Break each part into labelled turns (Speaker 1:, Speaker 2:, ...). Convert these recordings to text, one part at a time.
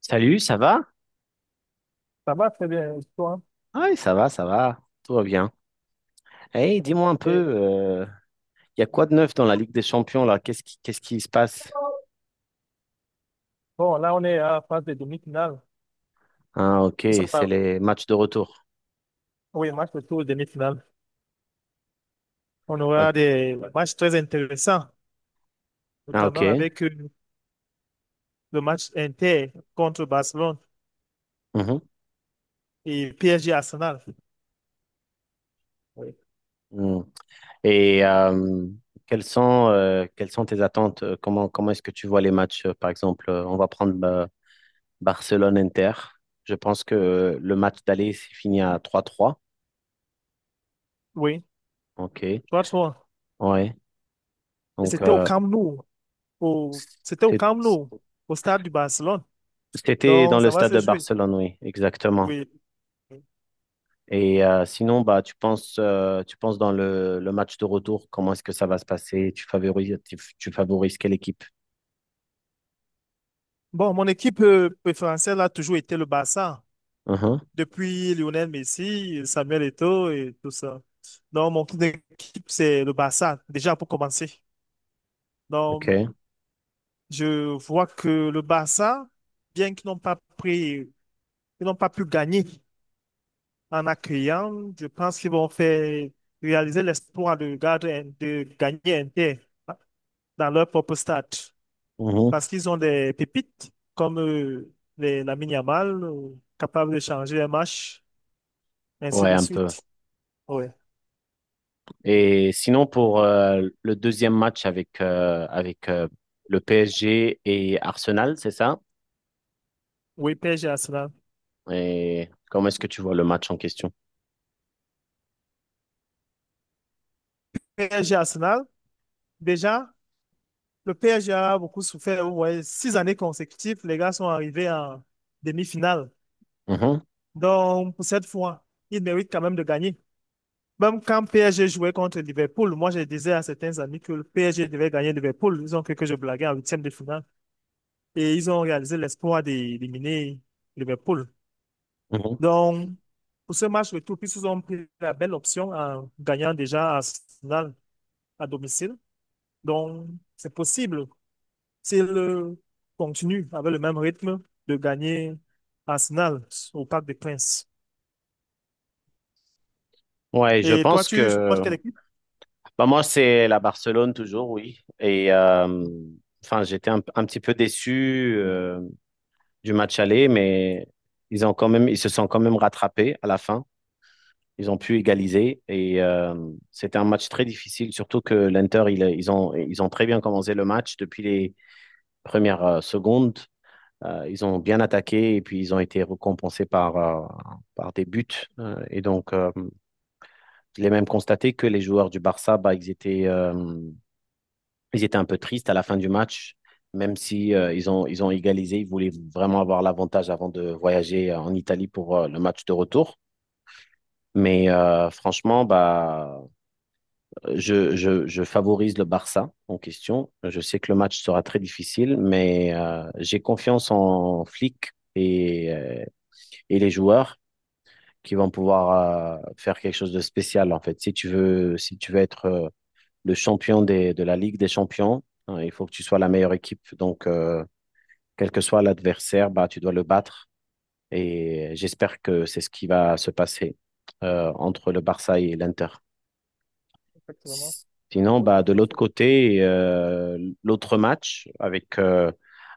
Speaker 1: Salut, ça va?
Speaker 2: Ça va très bien, et toi?
Speaker 1: Oui, ça va, tout va bien. Hey,
Speaker 2: Ok.
Speaker 1: dis-moi un peu, il y a quoi de neuf dans la Ligue des Champions là? Qu'est-ce qui se passe?
Speaker 2: Bon, là, on est à la phase de demi-finale.
Speaker 1: Ah, ok,
Speaker 2: Nous sommes
Speaker 1: c'est
Speaker 2: à-
Speaker 1: les matchs de retour.
Speaker 2: Oui, match de tour demi-finale. On
Speaker 1: Ah,
Speaker 2: aura des matchs très intéressants,
Speaker 1: ah, ok.
Speaker 2: notamment avec le match Inter contre Barcelone
Speaker 1: Mhm.
Speaker 2: et PSG Arsenal. Oui.
Speaker 1: Mm. Et quelles sont tes attentes? Comment est-ce que tu vois les matchs? Par exemple, on va prendre Barcelone-Inter. Je pense que le match d'aller s'est fini à trois trois.
Speaker 2: Oui,
Speaker 1: Ok,
Speaker 2: 3-3.
Speaker 1: ouais.
Speaker 2: Et
Speaker 1: Donc,
Speaker 2: c'était au Camp Nou, c'était au
Speaker 1: c'est-
Speaker 2: Camp Nou, au stade du Barcelone.
Speaker 1: c'était dans
Speaker 2: Donc, ça
Speaker 1: le
Speaker 2: va
Speaker 1: stade
Speaker 2: se
Speaker 1: de
Speaker 2: jouer.
Speaker 1: Barcelone, oui, exactement.
Speaker 2: Oui.
Speaker 1: Et sinon, bah, tu penses dans le match de retour, comment est-ce que ça va se passer? Tu favorises, tu favorises quelle équipe?
Speaker 2: Bon, mon équipe préférentielle a toujours été le Barça.
Speaker 1: Mhm,
Speaker 2: Depuis Lionel Messi, Samuel Eto'o et tout ça. Donc, mon club d'équipe, c'est le Barça, déjà pour commencer. Donc,
Speaker 1: ok.
Speaker 2: je vois que le Barça, bien qu'ils n'ont pas pris, ils n'ont pas pu gagner en accueillant, je pense qu'ils vont faire réaliser l'espoir de, de gagner Inter dans leur propre stade.
Speaker 1: Mhm.
Speaker 2: Parce qu'ils ont des pépites comme Lamine Yamal, capable de changer un match, ainsi
Speaker 1: Ouais,
Speaker 2: de
Speaker 1: un peu.
Speaker 2: suite. Ouais.
Speaker 1: Et sinon, pour le deuxième match avec, avec le PSG et Arsenal, c'est ça?
Speaker 2: Oui, PSG Arsenal.
Speaker 1: Et comment est-ce que tu vois le match en question?
Speaker 2: PSG Arsenal, déjà, le PSG a beaucoup souffert. Vous voyez, 6 années consécutives, les gars sont arrivés en demi-finale.
Speaker 1: Mhm,
Speaker 2: Donc, pour cette fois, ils méritent quand même de gagner. Même quand PSG jouait contre Liverpool, moi, je disais à certains amis que le PSG devait gagner Liverpool. Ils ont cru que je blaguais en huitième de finale. Et ils ont réalisé l'espoir d'éliminer Liverpool.
Speaker 1: mhm.
Speaker 2: Donc, pour ce match retour, ils ont pris la belle option en gagnant déjà Arsenal à domicile. Donc, c'est possible s'il continue avec le même rythme de gagner Arsenal au Parc des Princes.
Speaker 1: Ouais, je
Speaker 2: Et toi,
Speaker 1: pense
Speaker 2: tu supportes
Speaker 1: que
Speaker 2: quelle équipe?
Speaker 1: bah, moi, c'est la Barcelone toujours, oui. Et enfin, j'étais un petit peu déçu. Du match aller, mais ils ont quand même, ils se sont quand même rattrapés à la fin. Ils ont pu égaliser et c'était un match très difficile, surtout que l'Inter, ils ont très bien commencé le match depuis les premières secondes. Ils ont bien attaqué et puis ils ont été récompensés par, par des buts. Et donc, je l'ai même constaté que les joueurs du Barça, bah, ils étaient un peu tristes à la fin du match, même si ils ont égalisé. Ils voulaient vraiment avoir l'avantage avant de voyager en Italie pour le match de retour. Mais franchement, bah, je favorise le Barça en question. Je sais que le match sera très difficile, mais j'ai confiance en Flick et les joueurs qui vont pouvoir faire quelque chose de spécial, en fait. Si tu veux, si tu veux être le champion des, de la Ligue des champions, hein, il faut que tu sois la meilleure équipe. Donc, quel que soit l'adversaire, bah, tu dois le battre. Et j'espère que c'est ce qui va se passer entre le Barça et l'Inter.
Speaker 2: Effectivement.
Speaker 1: Sinon,
Speaker 2: Donc,
Speaker 1: bah,
Speaker 2: tu
Speaker 1: de
Speaker 2: peux
Speaker 1: l'autre
Speaker 2: faire-
Speaker 1: côté, l'autre match avec,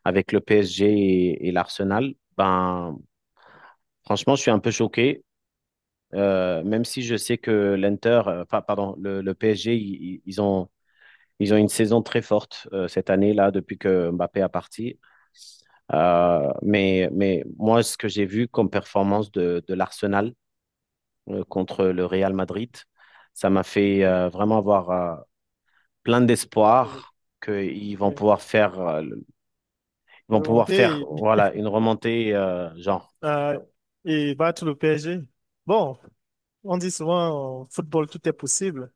Speaker 1: avec le PSG et l'Arsenal, ben, franchement, je suis un peu choqué. Même si je sais que l'Inter, enfin, pardon, le PSG, ils ont une saison très forte cette année-là depuis que Mbappé a parti. Mais moi, ce que j'ai vu comme performance de l'Arsenal contre le Real Madrid, ça m'a fait vraiment avoir plein
Speaker 2: oui,
Speaker 1: d'espoir qu'ils vont
Speaker 2: oui.
Speaker 1: pouvoir faire, ils vont pouvoir faire
Speaker 2: Remonter
Speaker 1: voilà, une remontée genre.
Speaker 2: euh, et battre le PSG. Bon, on dit souvent en football, tout est possible.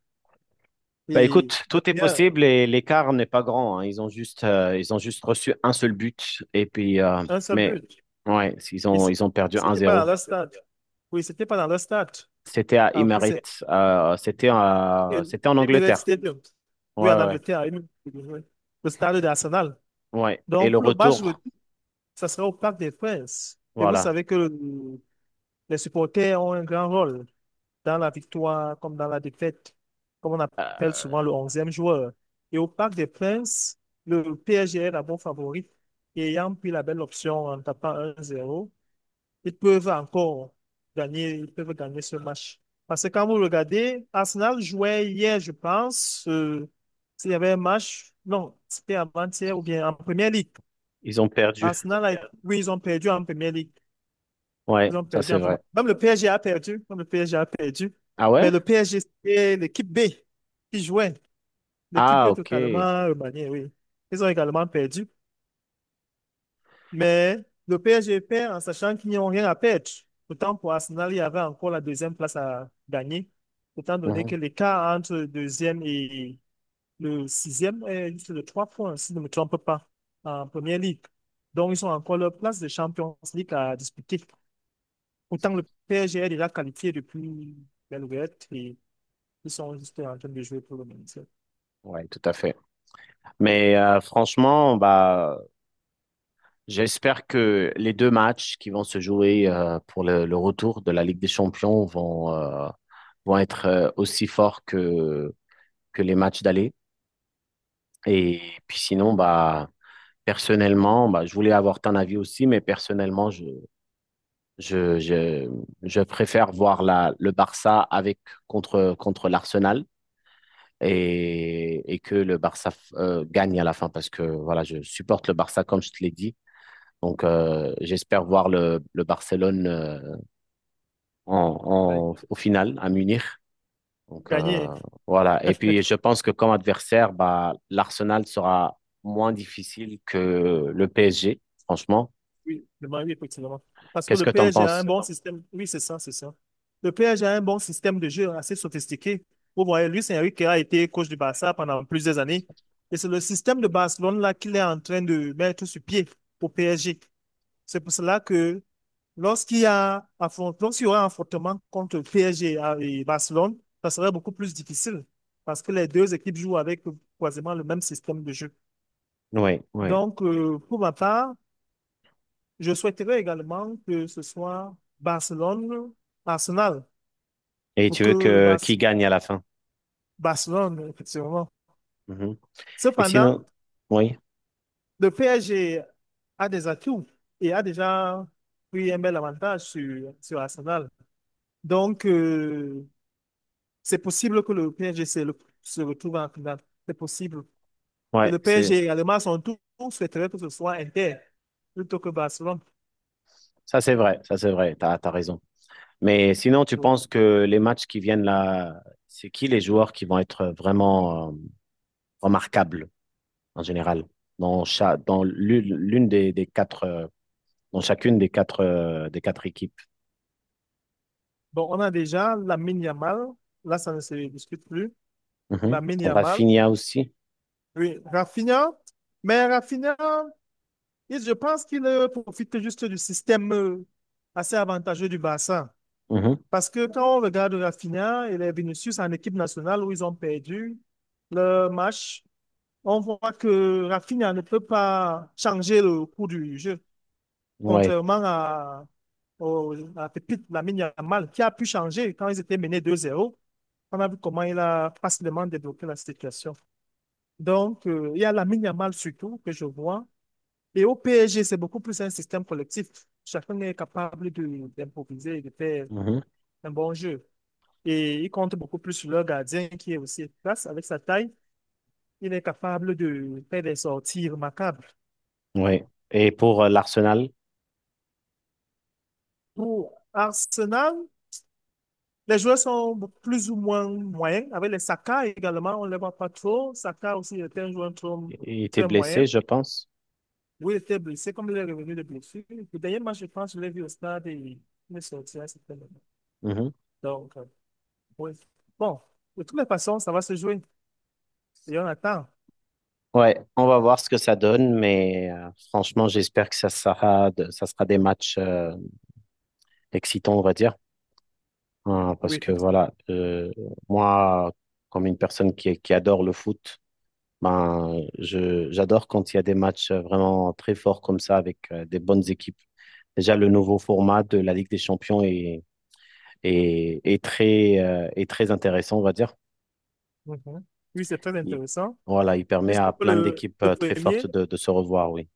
Speaker 1: Bah
Speaker 2: Et
Speaker 1: écoute, tout est
Speaker 2: derrière,
Speaker 1: possible et l'écart n'est pas grand, hein. Ils ont juste reçu un seul but et puis,
Speaker 2: un seul
Speaker 1: mais
Speaker 2: but.
Speaker 1: ouais,
Speaker 2: Et
Speaker 1: ils ont perdu un
Speaker 2: c'était pas dans
Speaker 1: zéro.
Speaker 2: leur stade. Oui, c'était pas dans leur stade.
Speaker 1: C'était à
Speaker 2: En plus, c'est
Speaker 1: Emirates, c'était en
Speaker 2: Emirates
Speaker 1: Angleterre.
Speaker 2: Stadium. Oui, en
Speaker 1: Ouais, ouais.
Speaker 2: Angleterre. Emirates Stadium, oui. Le stade d'Arsenal.
Speaker 1: Ouais. Et
Speaker 2: Donc,
Speaker 1: le
Speaker 2: pour le match
Speaker 1: retour,
Speaker 2: retour, ça sera au Parc des Princes. Et vous
Speaker 1: voilà.
Speaker 2: savez que le- Les supporters ont un grand rôle dans la victoire comme dans la défaite, comme on appelle souvent le onzième joueur. Et au Parc des Princes, le PSG est d'abord favori. Et ayant pris la belle option en tapant 1-0, ils peuvent encore gagner, ils peuvent gagner ce match. Parce que quand vous regardez, Arsenal jouait hier, je pense, s'il y avait un match, non, c'était avant-hier ou bien en première ligue.
Speaker 1: Ils ont perdu.
Speaker 2: Arsenal, oui, ils ont perdu en Premier League.
Speaker 1: Ouais,
Speaker 2: Ils ont
Speaker 1: ça
Speaker 2: perdu
Speaker 1: c'est
Speaker 2: en Premier.
Speaker 1: vrai.
Speaker 2: Même le PSG a perdu. Même le PSG a perdu.
Speaker 1: Ah ouais?
Speaker 2: Mais le PSG, c'était l'équipe B qui jouait. L'équipe
Speaker 1: Ah, ok.
Speaker 2: totalement remaniée, oui. Ils ont également perdu. Mais le PSG perd en sachant qu'ils n'ont rien à perdre. Pourtant, pour Arsenal, il y avait encore la deuxième place à gagner. Étant donné
Speaker 1: Mhm.
Speaker 2: que l'écart entre le deuxième et le sixième est juste de 3 points, si je ne me trompe pas, en Premier League. Donc, ils ont encore leur place de Champions League à disputer. Pourtant, le PSG est déjà qualifié depuis Belgrade et ils sont juste en train de jouer pour le maintien.
Speaker 1: Ouais, tout à fait.
Speaker 2: Oui.
Speaker 1: Mais franchement, bah, j'espère que les deux matchs qui vont se jouer pour le retour de la Ligue des Champions vont, vont être aussi forts que les matchs d'aller. Et puis sinon, bah, personnellement, bah, je voulais avoir ton avis aussi, mais personnellement, Je, je, je préfère voir le Barça avec contre l'Arsenal et que le Barça gagne à la fin parce que voilà, je supporte le Barça comme je te l'ai dit. Donc j'espère voir le Barcelone
Speaker 2: Ouais.
Speaker 1: au final à Munich. Donc
Speaker 2: Gagner.
Speaker 1: voilà. Et puis je pense que comme adversaire, bah, l'Arsenal sera moins difficile que le PSG, franchement.
Speaker 2: Oui, le Man U, effectivement. Parce que
Speaker 1: Qu'est-ce
Speaker 2: le
Speaker 1: que tu en
Speaker 2: PSG a un
Speaker 1: penses?
Speaker 2: bon système. Oui, c'est ça, c'est ça. Le PSG a un bon système de jeu assez sophistiqué. Vous voyez, Luis Enrique a été coach du Barça pendant plusieurs années. Et c'est le système de Barcelone là qu'il est en train de mettre sur pied au PSG. C'est pour cela que lorsqu'il y aura un affrontement contre le PSG et Barcelone, ça serait beaucoup plus difficile parce que les deux équipes jouent avec quasiment le même système de jeu.
Speaker 1: Oui, oui.
Speaker 2: Donc, pour ma part, je souhaiterais également que ce soit Barcelone-Arsenal
Speaker 1: Et
Speaker 2: pour
Speaker 1: tu veux
Speaker 2: que
Speaker 1: que qui gagne à la fin?
Speaker 2: Barcelone, effectivement.
Speaker 1: Mhm. Et
Speaker 2: Cependant,
Speaker 1: sinon, oui,
Speaker 2: le PSG a des atouts et a déjà pris un bel avantage sur Arsenal. Donc, c'est possible que le PSG se retrouve en finale. C'est possible. Et
Speaker 1: ouais,
Speaker 2: le
Speaker 1: c'est
Speaker 2: PSG également, à son tour, souhaiterait que ce soit Inter plutôt que Barcelone.
Speaker 1: ça, c'est vrai, t'as raison. Mais sinon, tu
Speaker 2: Bon,
Speaker 1: penses que les matchs qui viennent là, c'est qui les joueurs qui vont être vraiment remarquables en général dans dans l'une des quatre, dans chacune des quatre équipes?
Speaker 2: Bon, on a déjà la Yamal. Là, ça ne se discute plus.
Speaker 1: Mhm.
Speaker 2: La Yamal.
Speaker 1: Rafinha aussi.
Speaker 2: Oui, Rafinha. Mais Rafinha, je pense qu'il profite juste du système assez avantageux du Barça.
Speaker 1: Mhm.
Speaker 2: Parce que quand on regarde Rafinha et les Vinicius en équipe nationale où ils ont perdu le match, on voit que Rafinha ne peut pas changer le cours du jeu,
Speaker 1: Ouais,
Speaker 2: contrairement à Pépite Lamine Yamal, qui a pu changer quand ils étaient menés 2-0. On a vu comment il a facilement débloqué la situation. Donc, il y a Lamine Yamal surtout que je vois. Et au PSG, c'est beaucoup plus un système collectif. Chacun est capable d'improviser et de faire
Speaker 1: Mhm.
Speaker 2: un bon jeu. Et ils comptent beaucoup plus sur leur gardien qui est aussi efficace avec sa taille. Il est capable de faire des sorties remarquables.
Speaker 1: Ouais. Et pour l'Arsenal,
Speaker 2: Pour Arsenal, les joueurs sont plus ou moins moyens. Avec les Saka également, on ne les voit pas trop. Saka aussi était un joueur
Speaker 1: il était
Speaker 2: très
Speaker 1: blessé,
Speaker 2: moyen.
Speaker 1: je pense.
Speaker 2: Oui, il était blessé, comme il est revenu de blessure. Le dernier match, je pense, je l'ai vu au stade et il est sorti à un certain moment. Donc, oui. Bon, de toutes les façons, ça va se jouer et on attend.
Speaker 1: Ouais, on va voir ce que ça donne, mais franchement, j'espère que ça sera, ça sera des matchs excitants, on va dire. Hein, parce
Speaker 2: Oui,
Speaker 1: que
Speaker 2: effectivement.
Speaker 1: voilà, moi, comme une personne qui adore le foot, ben, j'adore quand il y a des matchs vraiment très forts comme ça avec des bonnes équipes. Déjà, le nouveau format de la Ligue des Champions est très intéressant, on va dire.
Speaker 2: Mhm. Oui, c'est très
Speaker 1: Il-
Speaker 2: intéressant.
Speaker 1: voilà, il permet
Speaker 2: Juste
Speaker 1: à
Speaker 2: pour
Speaker 1: plein
Speaker 2: le,
Speaker 1: d'équipes
Speaker 2: le
Speaker 1: très
Speaker 2: premier,
Speaker 1: fortes de se revoir, oui.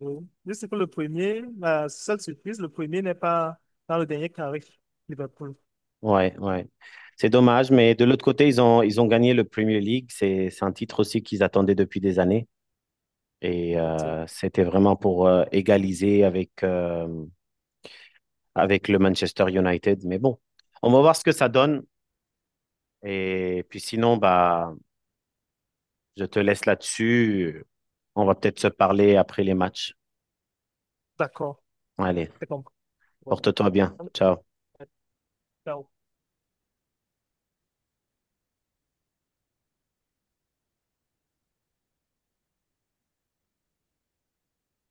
Speaker 2: oui. Juste pour le premier, la seule surprise, le premier n'est pas dans le dernier carré. Liverpool.
Speaker 1: Ouais, ouais. C'est dommage, mais de l'autre côté, ils ont gagné le Premier League. C'est un titre aussi qu'ils attendaient depuis des années. Et
Speaker 2: Effectivement.
Speaker 1: c'était vraiment pour égaliser avec, avec le Manchester United. Mais bon, on va voir ce que ça donne. Et puis sinon, bah, je te laisse là-dessus. On va peut-être se parler après les matchs.
Speaker 2: D'accord.
Speaker 1: Allez,
Speaker 2: C'est compris. Ouais.
Speaker 1: porte-toi bien. Ciao.
Speaker 2: So